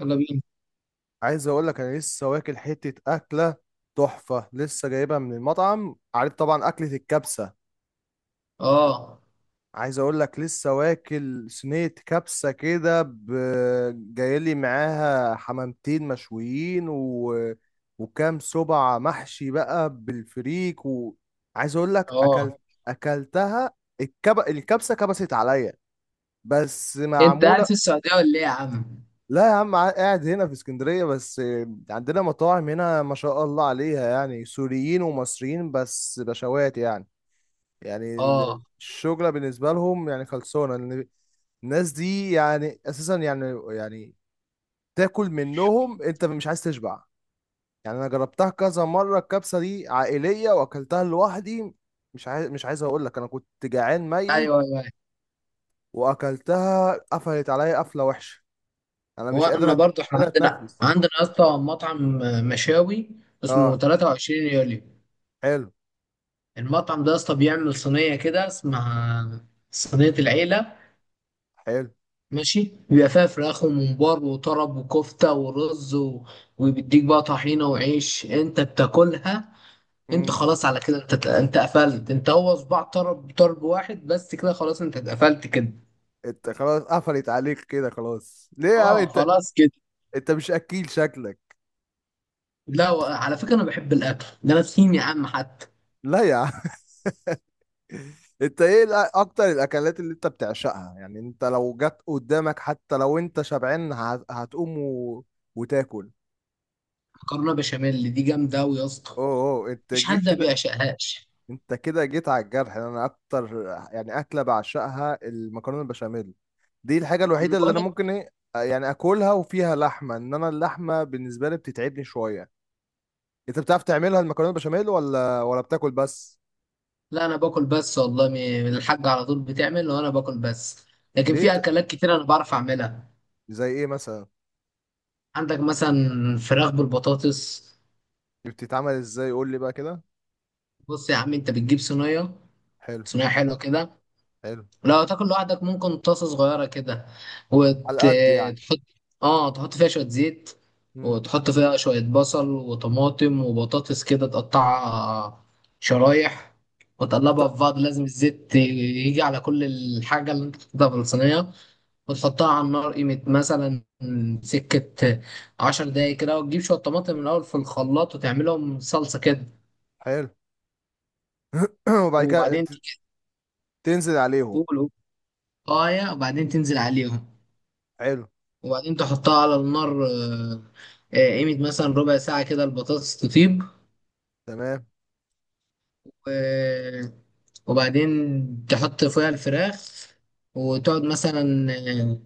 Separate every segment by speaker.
Speaker 1: يلا بينا.
Speaker 2: عايز اقول لك انا لسه واكل حته اكله تحفه، لسه جايبها من المطعم، عارف طبعا اكله الكبسه.
Speaker 1: اه،
Speaker 2: عايز اقول لك لسه واكل صينيه كبسه كده جايلي معاها حمامتين مشويين وكام سبع محشي بقى بالفريك عايز اقول لك
Speaker 1: اه،
Speaker 2: اكلتها. الكبسه كبست عليا، بس
Speaker 1: انت قاعد
Speaker 2: معموله.
Speaker 1: في السعوديه ولا ايه يا عم؟
Speaker 2: لا يا عم، قاعد هنا في اسكندرية بس. عندنا مطاعم هنا ما شاء الله عليها، يعني سوريين ومصريين، بس بشوات يعني. يعني
Speaker 1: اه،
Speaker 2: الشغلة بالنسبة لهم يعني خلصانة لأن الناس دي يعني أساسا يعني تاكل منهم، أنت مش عايز تشبع. يعني أنا جربتها كذا مرة، الكبسة دي عائلية وأكلتها لوحدي. مش عايز أقول لك أنا كنت جعان ميت،
Speaker 1: ايوه، ايوه.
Speaker 2: وأكلتها قفلت عليا قفلة وحشة. أنا
Speaker 1: وانا برضو
Speaker 2: مش
Speaker 1: احنا
Speaker 2: قادر
Speaker 1: عندنا
Speaker 2: أتنفس.
Speaker 1: عندنا يا اسطى مطعم مشاوي اسمه
Speaker 2: أه.
Speaker 1: 23 يوليو.
Speaker 2: حلو.
Speaker 1: المطعم ده يا اسطى بيعمل صينيه كده اسمها صينيه العيله.
Speaker 2: حلو.
Speaker 1: ماشي، بيبقى فيها فراخ وممبار وطرب وكفته ورز و... وبيديك بقى طحينه وعيش انت بتاكلها. انت
Speaker 2: امم.
Speaker 1: خلاص على كده، انت قفلت، انت هو صباع طرب طرب واحد بس، كده خلاص انت اتقفلت كده.
Speaker 2: انت خلاص قفلت عليك كده، خلاص ليه يا عم
Speaker 1: اه،
Speaker 2: انت؟
Speaker 1: خلاص كده.
Speaker 2: انت مش اكيل شكلك؟
Speaker 1: لا و- على فكره انا بحب الاكل ده، انا تخين يا عم حتى.
Speaker 2: لا يا عم. انت ايه اكتر الاكلات اللي انت بتعشقها؟ يعني انت لو جت قدامك حتى لو انت شبعان هتقوم وتاكل.
Speaker 1: مكرونه بشاميل دي جامده قوي يا اسطى،
Speaker 2: اوه، اوه، انت
Speaker 1: مفيش حد ما
Speaker 2: كده.
Speaker 1: بيعشقهاش.
Speaker 2: انت كده جيت على الجرح، يعني انا اكتر، يعني اكله بعشقها المكرونه البشاميل، دي الحاجه
Speaker 1: ما انا
Speaker 2: الوحيده اللي
Speaker 1: بقول
Speaker 2: انا
Speaker 1: لك.
Speaker 2: ممكن ايه. يعني اكلها، وفيها لحمه، انا اللحمه بالنسبه لي بتتعبني شويه. انت بتعرف تعملها المكرونه بشاميل ولا بتاكل بس؟
Speaker 1: لا، انا باكل بس والله. الحاجه على طول بتعمل وانا باكل بس، لكن
Speaker 2: ليه
Speaker 1: في
Speaker 2: ت-
Speaker 1: اكلات كتير انا بعرف اعملها.
Speaker 2: زي ايه مثلا؟
Speaker 1: عندك مثلا فراخ بالبطاطس.
Speaker 2: دي بتتعمل ازاي؟ قول لي بقى كده.
Speaker 1: بص يا عم، انت بتجيب صينيه،
Speaker 2: حلو.
Speaker 1: صينيه حلوه كده.
Speaker 2: حلو.
Speaker 1: لو تاكل لوحدك ممكن طاسة صغيرة كده،
Speaker 2: على قد يعني.
Speaker 1: وتحط، اه، تحط فيها شوية زيت،
Speaker 2: امم.
Speaker 1: وتحط فيها شوية بصل وطماطم وبطاطس كده تقطعها شرايح، وتقلبها في بعض. لازم الزيت يجي على كل الحاجة اللي انت حطيتها في الصينية، وتحطها على النار قيمة مثلا سكة 10 دقايق كده، وتجيب شوية طماطم من الأول في الخلاط وتعملهم صلصة كده.
Speaker 2: حلو. وبعد كده
Speaker 1: وبعدين تيجي
Speaker 2: تنزل عليهم.
Speaker 1: تقول، وبعدين تنزل عليهم.
Speaker 2: حلو.
Speaker 1: وبعدين تحطها على النار، قيمة مثلا ربع ساعة كده البطاطس تطيب.
Speaker 2: تمام.
Speaker 1: و- وبعدين تحط فيها الفراخ وتقعد مثلا، آه،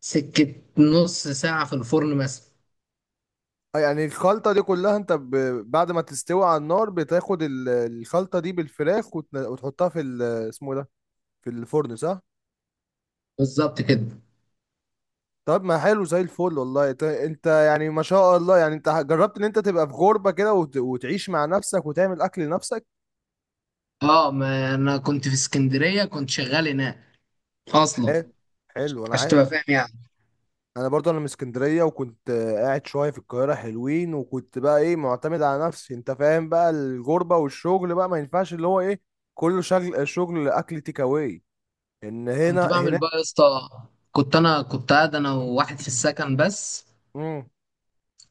Speaker 1: سكة نص ساعة في الفرن مثلا.
Speaker 2: اه، يعني الخلطه دي كلها انت بعد ما تستوي على النار، بتاخد الخلطه دي بالفراخ وتحطها في اسمه ده، في الفرن، صح؟
Speaker 1: بالظبط كده.
Speaker 2: طب ما حلو زي الفل، والله انت يعني ما شاء الله، يعني انت جربت ان انت تبقى في غربة كده وتعيش مع نفسك وتعمل اكل لنفسك.
Speaker 1: اه، ما انا كنت في اسكندرية كنت شغال هناك اصلا،
Speaker 2: حلو. حلو. انا
Speaker 1: عشان تبقى فاهم يعني.
Speaker 2: انا برضو انا من اسكندريه، وكنت قاعد شويه في القاهره حلوين، وكنت بقى ايه معتمد على نفسي، انت فاهم بقى الغربه والشغل بقى ما ينفعش اللي هو ايه، كله شغل شغل اكل تيك اواي ان هنا
Speaker 1: كنت بعمل
Speaker 2: هنا.
Speaker 1: بقى يا اسطى، كنت انا قاعد انا وواحد في السكن بس.
Speaker 2: مم.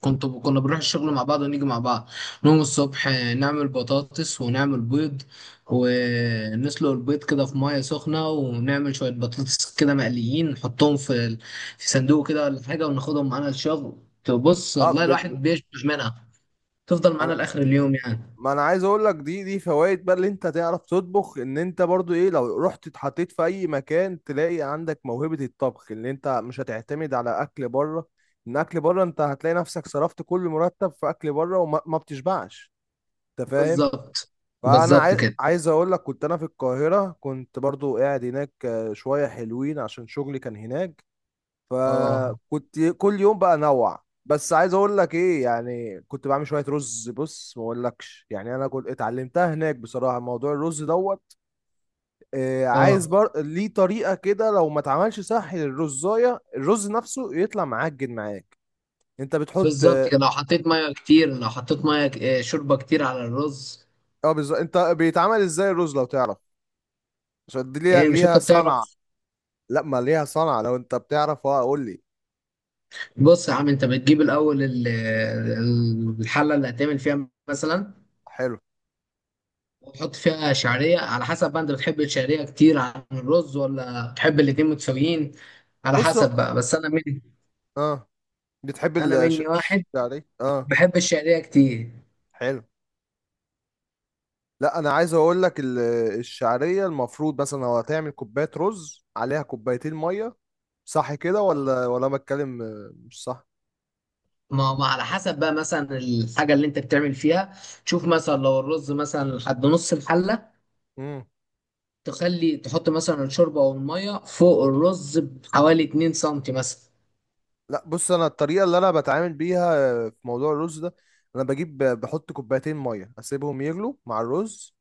Speaker 1: كنا بنروح الشغل مع بعض ونيجي مع بعض. نقوم الصبح، نعمل بطاطس ونعمل بيض، ونسلق البيض كده في ميه سخنه، ونعمل شويه بطاطس كده مقليين نحطهم في في صندوق كده ولا حاجه، وناخدهم معانا الشغل. تبص
Speaker 2: اه،
Speaker 1: والله الواحد بيشبع منها، تفضل معانا
Speaker 2: انا،
Speaker 1: لاخر اليوم يعني.
Speaker 2: ما انا عايز اقول لك دي فوائد بقى اللي انت تعرف تطبخ، ان انت برضو ايه لو رحت اتحطيت في اي مكان، تلاقي عندك موهبة الطبخ، اللي انت مش هتعتمد على اكل بره. ان اكل بره انت هتلاقي نفسك صرفت كل مرتب في اكل بره، وما ما بتشبعش. انت فاهم؟
Speaker 1: بالظبط،
Speaker 2: فانا
Speaker 1: بالظبط
Speaker 2: عايز بالظبط،
Speaker 1: كده.
Speaker 2: عايز اقول لك كنت انا في القاهرة، كنت برضو قاعد هناك شوية حلوين عشان شغلي كان هناك.
Speaker 1: اه،
Speaker 2: فكنت كل يوم بقى انوع، بس عايز اقول لك ايه، يعني كنت بعمل شويه رز، بص ما اقولكش، يعني انا كنت اتعلمتها هناك بصراحه، موضوع الرز دوت. عايز
Speaker 1: اه،
Speaker 2: ليه طريقه كده، لو ما اتعملش صح للرزايه الرز نفسه يطلع معجن معاك. انت بتحط.
Speaker 1: بالظبط كده. لو حطيت ميه كتير، لو حطيت ميه شوربه كتير على الرز.
Speaker 2: اه بالظبط، انت بيتعمل ازاي الرز لو تعرف؟ عشان دي ليها
Speaker 1: ايه، مش انت
Speaker 2: ليها صنعه.
Speaker 1: بتعرف؟
Speaker 2: لا، ما ليها صنعه، لو انت بتعرف اه قول لي.
Speaker 1: بص يا عم، انت بتجيب الاول الحله اللي هتعمل فيها مثلا،
Speaker 2: حلو.
Speaker 1: وتحط فيها شعريه على حسب بقى. انت بتحب الشعريه كتير عن الرز ولا بتحب الاتنين متساويين؟ على
Speaker 2: بص.
Speaker 1: حسب بقى. بس انا مني
Speaker 2: اه. بتحب
Speaker 1: انا مني واحد،
Speaker 2: يعني اه.
Speaker 1: بحب الشعريه كتير.
Speaker 2: حلو. لا انا عايز اقول لك الشعريه المفروض مثلا لو هتعمل كوبايه رز عليها كوبايتين ميه. صح كده
Speaker 1: اه.
Speaker 2: ولا أنا بتكلم مش صح؟
Speaker 1: ما على حسب بقى مثلا الحاجه اللي انت بتعمل فيها. تشوف مثلا لو الرز مثلا لحد نص الحله،
Speaker 2: امم.
Speaker 1: تخلي تحط مثلا الشوربه او الميه فوق الرز بحوالي 2 سم مثلا.
Speaker 2: لا، بص انا الطريقه اللي انا بتعامل بيها في موضوع الرز ده. انا بجيب بحط كوبايتين ميه، اسيبهم يغلوا مع الرز.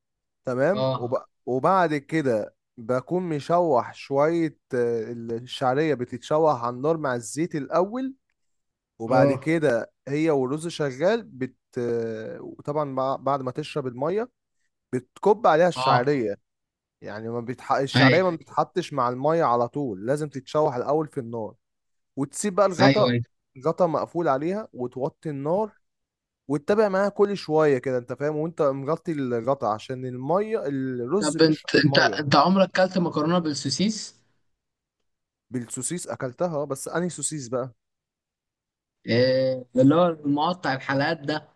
Speaker 2: تمام
Speaker 1: اه،
Speaker 2: وبعد كده بكون مشوح شويه، الشعريه بتتشوح على النار مع الزيت الاول. وبعد
Speaker 1: اه،
Speaker 2: كده هي والرز شغال بت. وطبعا بعد ما تشرب الميه، بتكب عليها
Speaker 1: اه،
Speaker 2: الشعريه. يعني ما بيتح...
Speaker 1: اي،
Speaker 2: الشعريه ما بتتحطش مع الميه على طول، لازم تتشوح الاول في النار. وتسيب بقى
Speaker 1: ايوه،
Speaker 2: الغطا،
Speaker 1: ايوه.
Speaker 2: الغطا مقفول عليها وتوطي النار، وتتابع معاها كل شويه كده، انت فاهم وانت مغطي الغطا، عشان الميه،
Speaker 1: طب
Speaker 2: الرز
Speaker 1: انت،
Speaker 2: بيشرب
Speaker 1: انت
Speaker 2: الميه.
Speaker 1: انت عمرك كلت مكرونه بالسوسيس؟
Speaker 2: بالسوسيس اكلتها، بس انهي سوسيس بقى؟
Speaker 1: إيه اللي هو المقطع الحلقات ده؟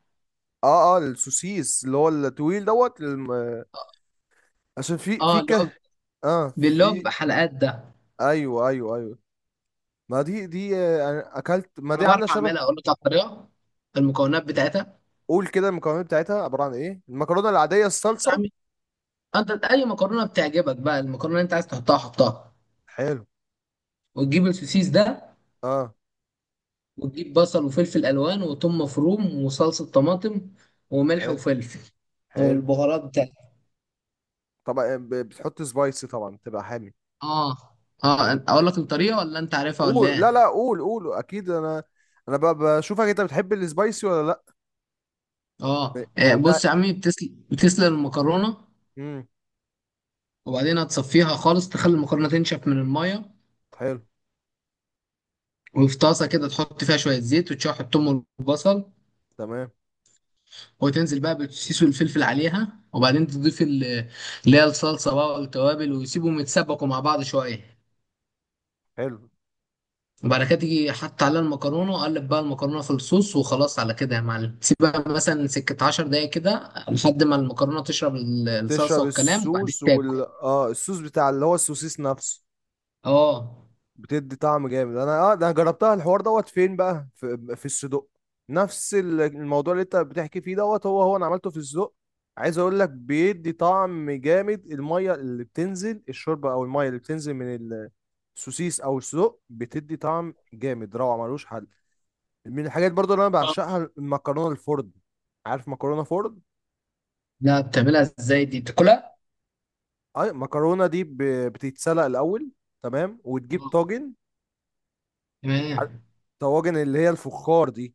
Speaker 2: اه، اه، السوسيس اللي هو الطويل دوت عشان في
Speaker 1: اه، اللي هو،
Speaker 2: كه. اه،
Speaker 1: اللي هو
Speaker 2: في.
Speaker 1: بيبقى حلقات ده.
Speaker 2: ايوه، ايوه، ايوه. ما دي أنا اكلت، ما
Speaker 1: انا
Speaker 2: دي
Speaker 1: بعرف
Speaker 2: عامله شبه.
Speaker 1: اعملها، اقول لك على الطريقه، المكونات بتاعتها.
Speaker 2: قول كده، المكونات بتاعتها عباره عن ايه؟ المكرونه العاديه،
Speaker 1: بص يا
Speaker 2: الصلصه.
Speaker 1: عمي، انت اي مكرونه بتعجبك بقى، المكرونه اللي انت عايز تحطها حطها،
Speaker 2: حلو.
Speaker 1: وتجيب السوسيس ده،
Speaker 2: اه.
Speaker 1: وتجيب بصل وفلفل الوان وثوم مفروم وصلصه طماطم وملح
Speaker 2: حلو.
Speaker 1: وفلفل
Speaker 2: حلو.
Speaker 1: والبهارات بتاعتك.
Speaker 2: طبعا بتحط سبايسي، طبعا تبقى حامي.
Speaker 1: اه، اه، اقول لك الطريقه ولا انت عارفها ولا
Speaker 2: قول، لا
Speaker 1: ايه؟
Speaker 2: لا، قول قول، اكيد انا، انا بشوفك انت بتحب السبايسي ولا لا؟
Speaker 1: اه،
Speaker 2: انت.
Speaker 1: بص يا عمي، بتسلق المكرونه،
Speaker 2: امم.
Speaker 1: وبعدين هتصفيها خالص، تخلي المكرونه تنشف من الميه.
Speaker 2: حلو.
Speaker 1: وفي طاسه كده تحط فيها شويه زيت وتشوح الثوم والبصل،
Speaker 2: تمام.
Speaker 1: وتنزل بقى بالسيس والفلفل عليها، وبعدين تضيف اللي هي الصلصه بقى والتوابل، ويسيبهم يتسبكوا مع بعض شويه.
Speaker 2: حلو.
Speaker 1: وبعد كده تيجي حط عليها المكرونه، وقلب بقى المكرونه في الصوص، وخلاص على كده يا معلم. سيبها مثلا سكه 10 دقايق كده لحد ما المكرونه تشرب الصلصه
Speaker 2: تشرب
Speaker 1: والكلام، وبعدين
Speaker 2: الصوص
Speaker 1: تاكل.
Speaker 2: وال اه الصوص بتاع اللي هو السوسيس نفسه.
Speaker 1: اه.
Speaker 2: بتدي طعم جامد. انا اه ده انا جربتها الحوار دوت، فين بقى؟ في الصدق. نفس الموضوع اللي انت بتحكي فيه دوت هو هو، انا عملته في الصدق. عايز اقول لك بيدي طعم جامد، الميه اللي بتنزل الشوربه، او الميه اللي بتنزل من السوسيس او الصدق، بتدي طعم جامد روعه ملوش حل. من الحاجات برضو اللي انا بعشقها المكرونه الفرن. عارف مكرونه فرن؟
Speaker 1: لا، بتعملها ازاي دي بتاكلها؟
Speaker 2: اي المكرونه دي بتتسلق الاول. تمام، وتجيب
Speaker 1: آه،
Speaker 2: طاجن،
Speaker 1: تمام،
Speaker 2: طواجن اللي هي الفخار دي.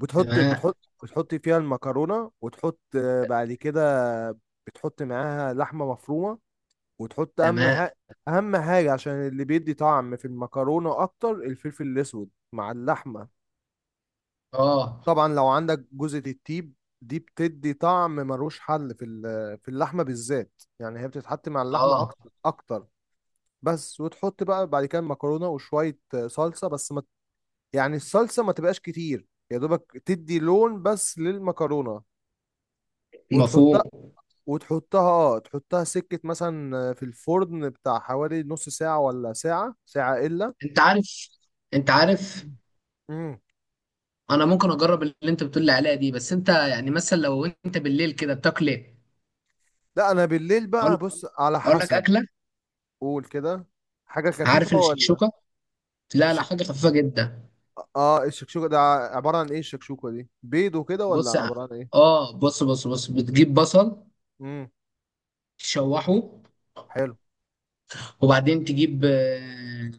Speaker 2: بتحط
Speaker 1: تمام،
Speaker 2: بتحط بتحط فيها المكرونة وتحط بعد كده بتحط معاها لحمة مفرومة، وتحط أهم
Speaker 1: تمام.
Speaker 2: حاجة، أهم حاجة عشان اللي بيدي طعم في المكرونة أكتر الفلفل الأسود مع اللحمة.
Speaker 1: اه،
Speaker 2: طبعا لو عندك جوزة الطيب، دي بتدي طعم ملوش حل في في اللحمة بالذات، يعني هي بتتحط مع اللحمة
Speaker 1: اه،
Speaker 2: أكتر أكتر. بس وتحط بقى بعد كده المكرونة وشوية صلصة، بس ما، يعني الصلصة ما تبقاش كتير، يا دوبك تدي لون بس للمكرونة. وتحطها،
Speaker 1: مفهوم.
Speaker 2: تحطها سكة مثلا في الفرن بتاع حوالي نص ساعة ولا ساعة، ساعة إلا.
Speaker 1: انت عارف، انت عارف
Speaker 2: مم.
Speaker 1: انا ممكن اجرب اللي انت بتقول لي عليها دي، بس انت يعني مثلا لو انت بالليل كده بتاكل ايه؟
Speaker 2: لا أنا بالليل
Speaker 1: اقول،
Speaker 2: بقى، بص على
Speaker 1: أقول لك
Speaker 2: حسب.
Speaker 1: اكله.
Speaker 2: قول كده. حاجة
Speaker 1: عارف
Speaker 2: خفيفة ولا؟
Speaker 1: الشكشوكه؟ لا لا،
Speaker 2: شك-
Speaker 1: حاجه خفيفه جدا.
Speaker 2: اه، الشكشوكة ده عبارة عن ايه؟ الشكشوكة دي بيض وكده ولا
Speaker 1: بص يا،
Speaker 2: عبارة عن ايه؟
Speaker 1: اه، بص، بص، بص، بتجيب بصل
Speaker 2: امم.
Speaker 1: تشوحه.
Speaker 2: حلو.
Speaker 1: وبعدين تجيب،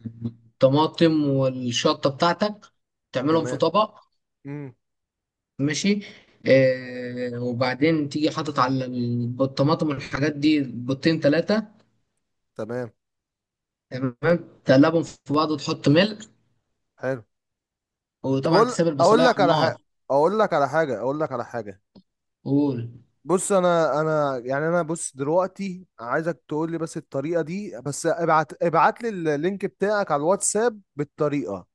Speaker 1: طماطم والشطه بتاعتك، تعملهم في
Speaker 2: تمام.
Speaker 1: طبق.
Speaker 2: امم.
Speaker 1: ماشي، آه، وبعدين تيجي حاطط على الطماطم والحاجات دي بيضتين ثلاثة،
Speaker 2: تمام.
Speaker 1: تمام، تقلبهم في بعض وتحط ملح.
Speaker 2: حلو. طب
Speaker 1: وطبعا
Speaker 2: اقول،
Speaker 1: تسيب
Speaker 2: اقول
Speaker 1: البصلاية على
Speaker 2: لك على
Speaker 1: النار.
Speaker 2: حاجة اقول لك على حاجة اقول لك على حاجة.
Speaker 1: قول،
Speaker 2: بص، انا يعني انا، بص دلوقتي عايزك تقول لي بس الطريقه دي، بس ابعت ابعت لي اللينك بتاعك على الواتساب بالطريقه.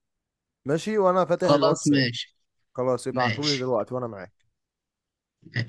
Speaker 2: ماشي وانا فاتح
Speaker 1: خلاص
Speaker 2: الواتساب.
Speaker 1: ماشي،
Speaker 2: خلاص ابعتولي
Speaker 1: ماشي،
Speaker 2: دلوقتي وانا معاك.
Speaker 1: ماشي.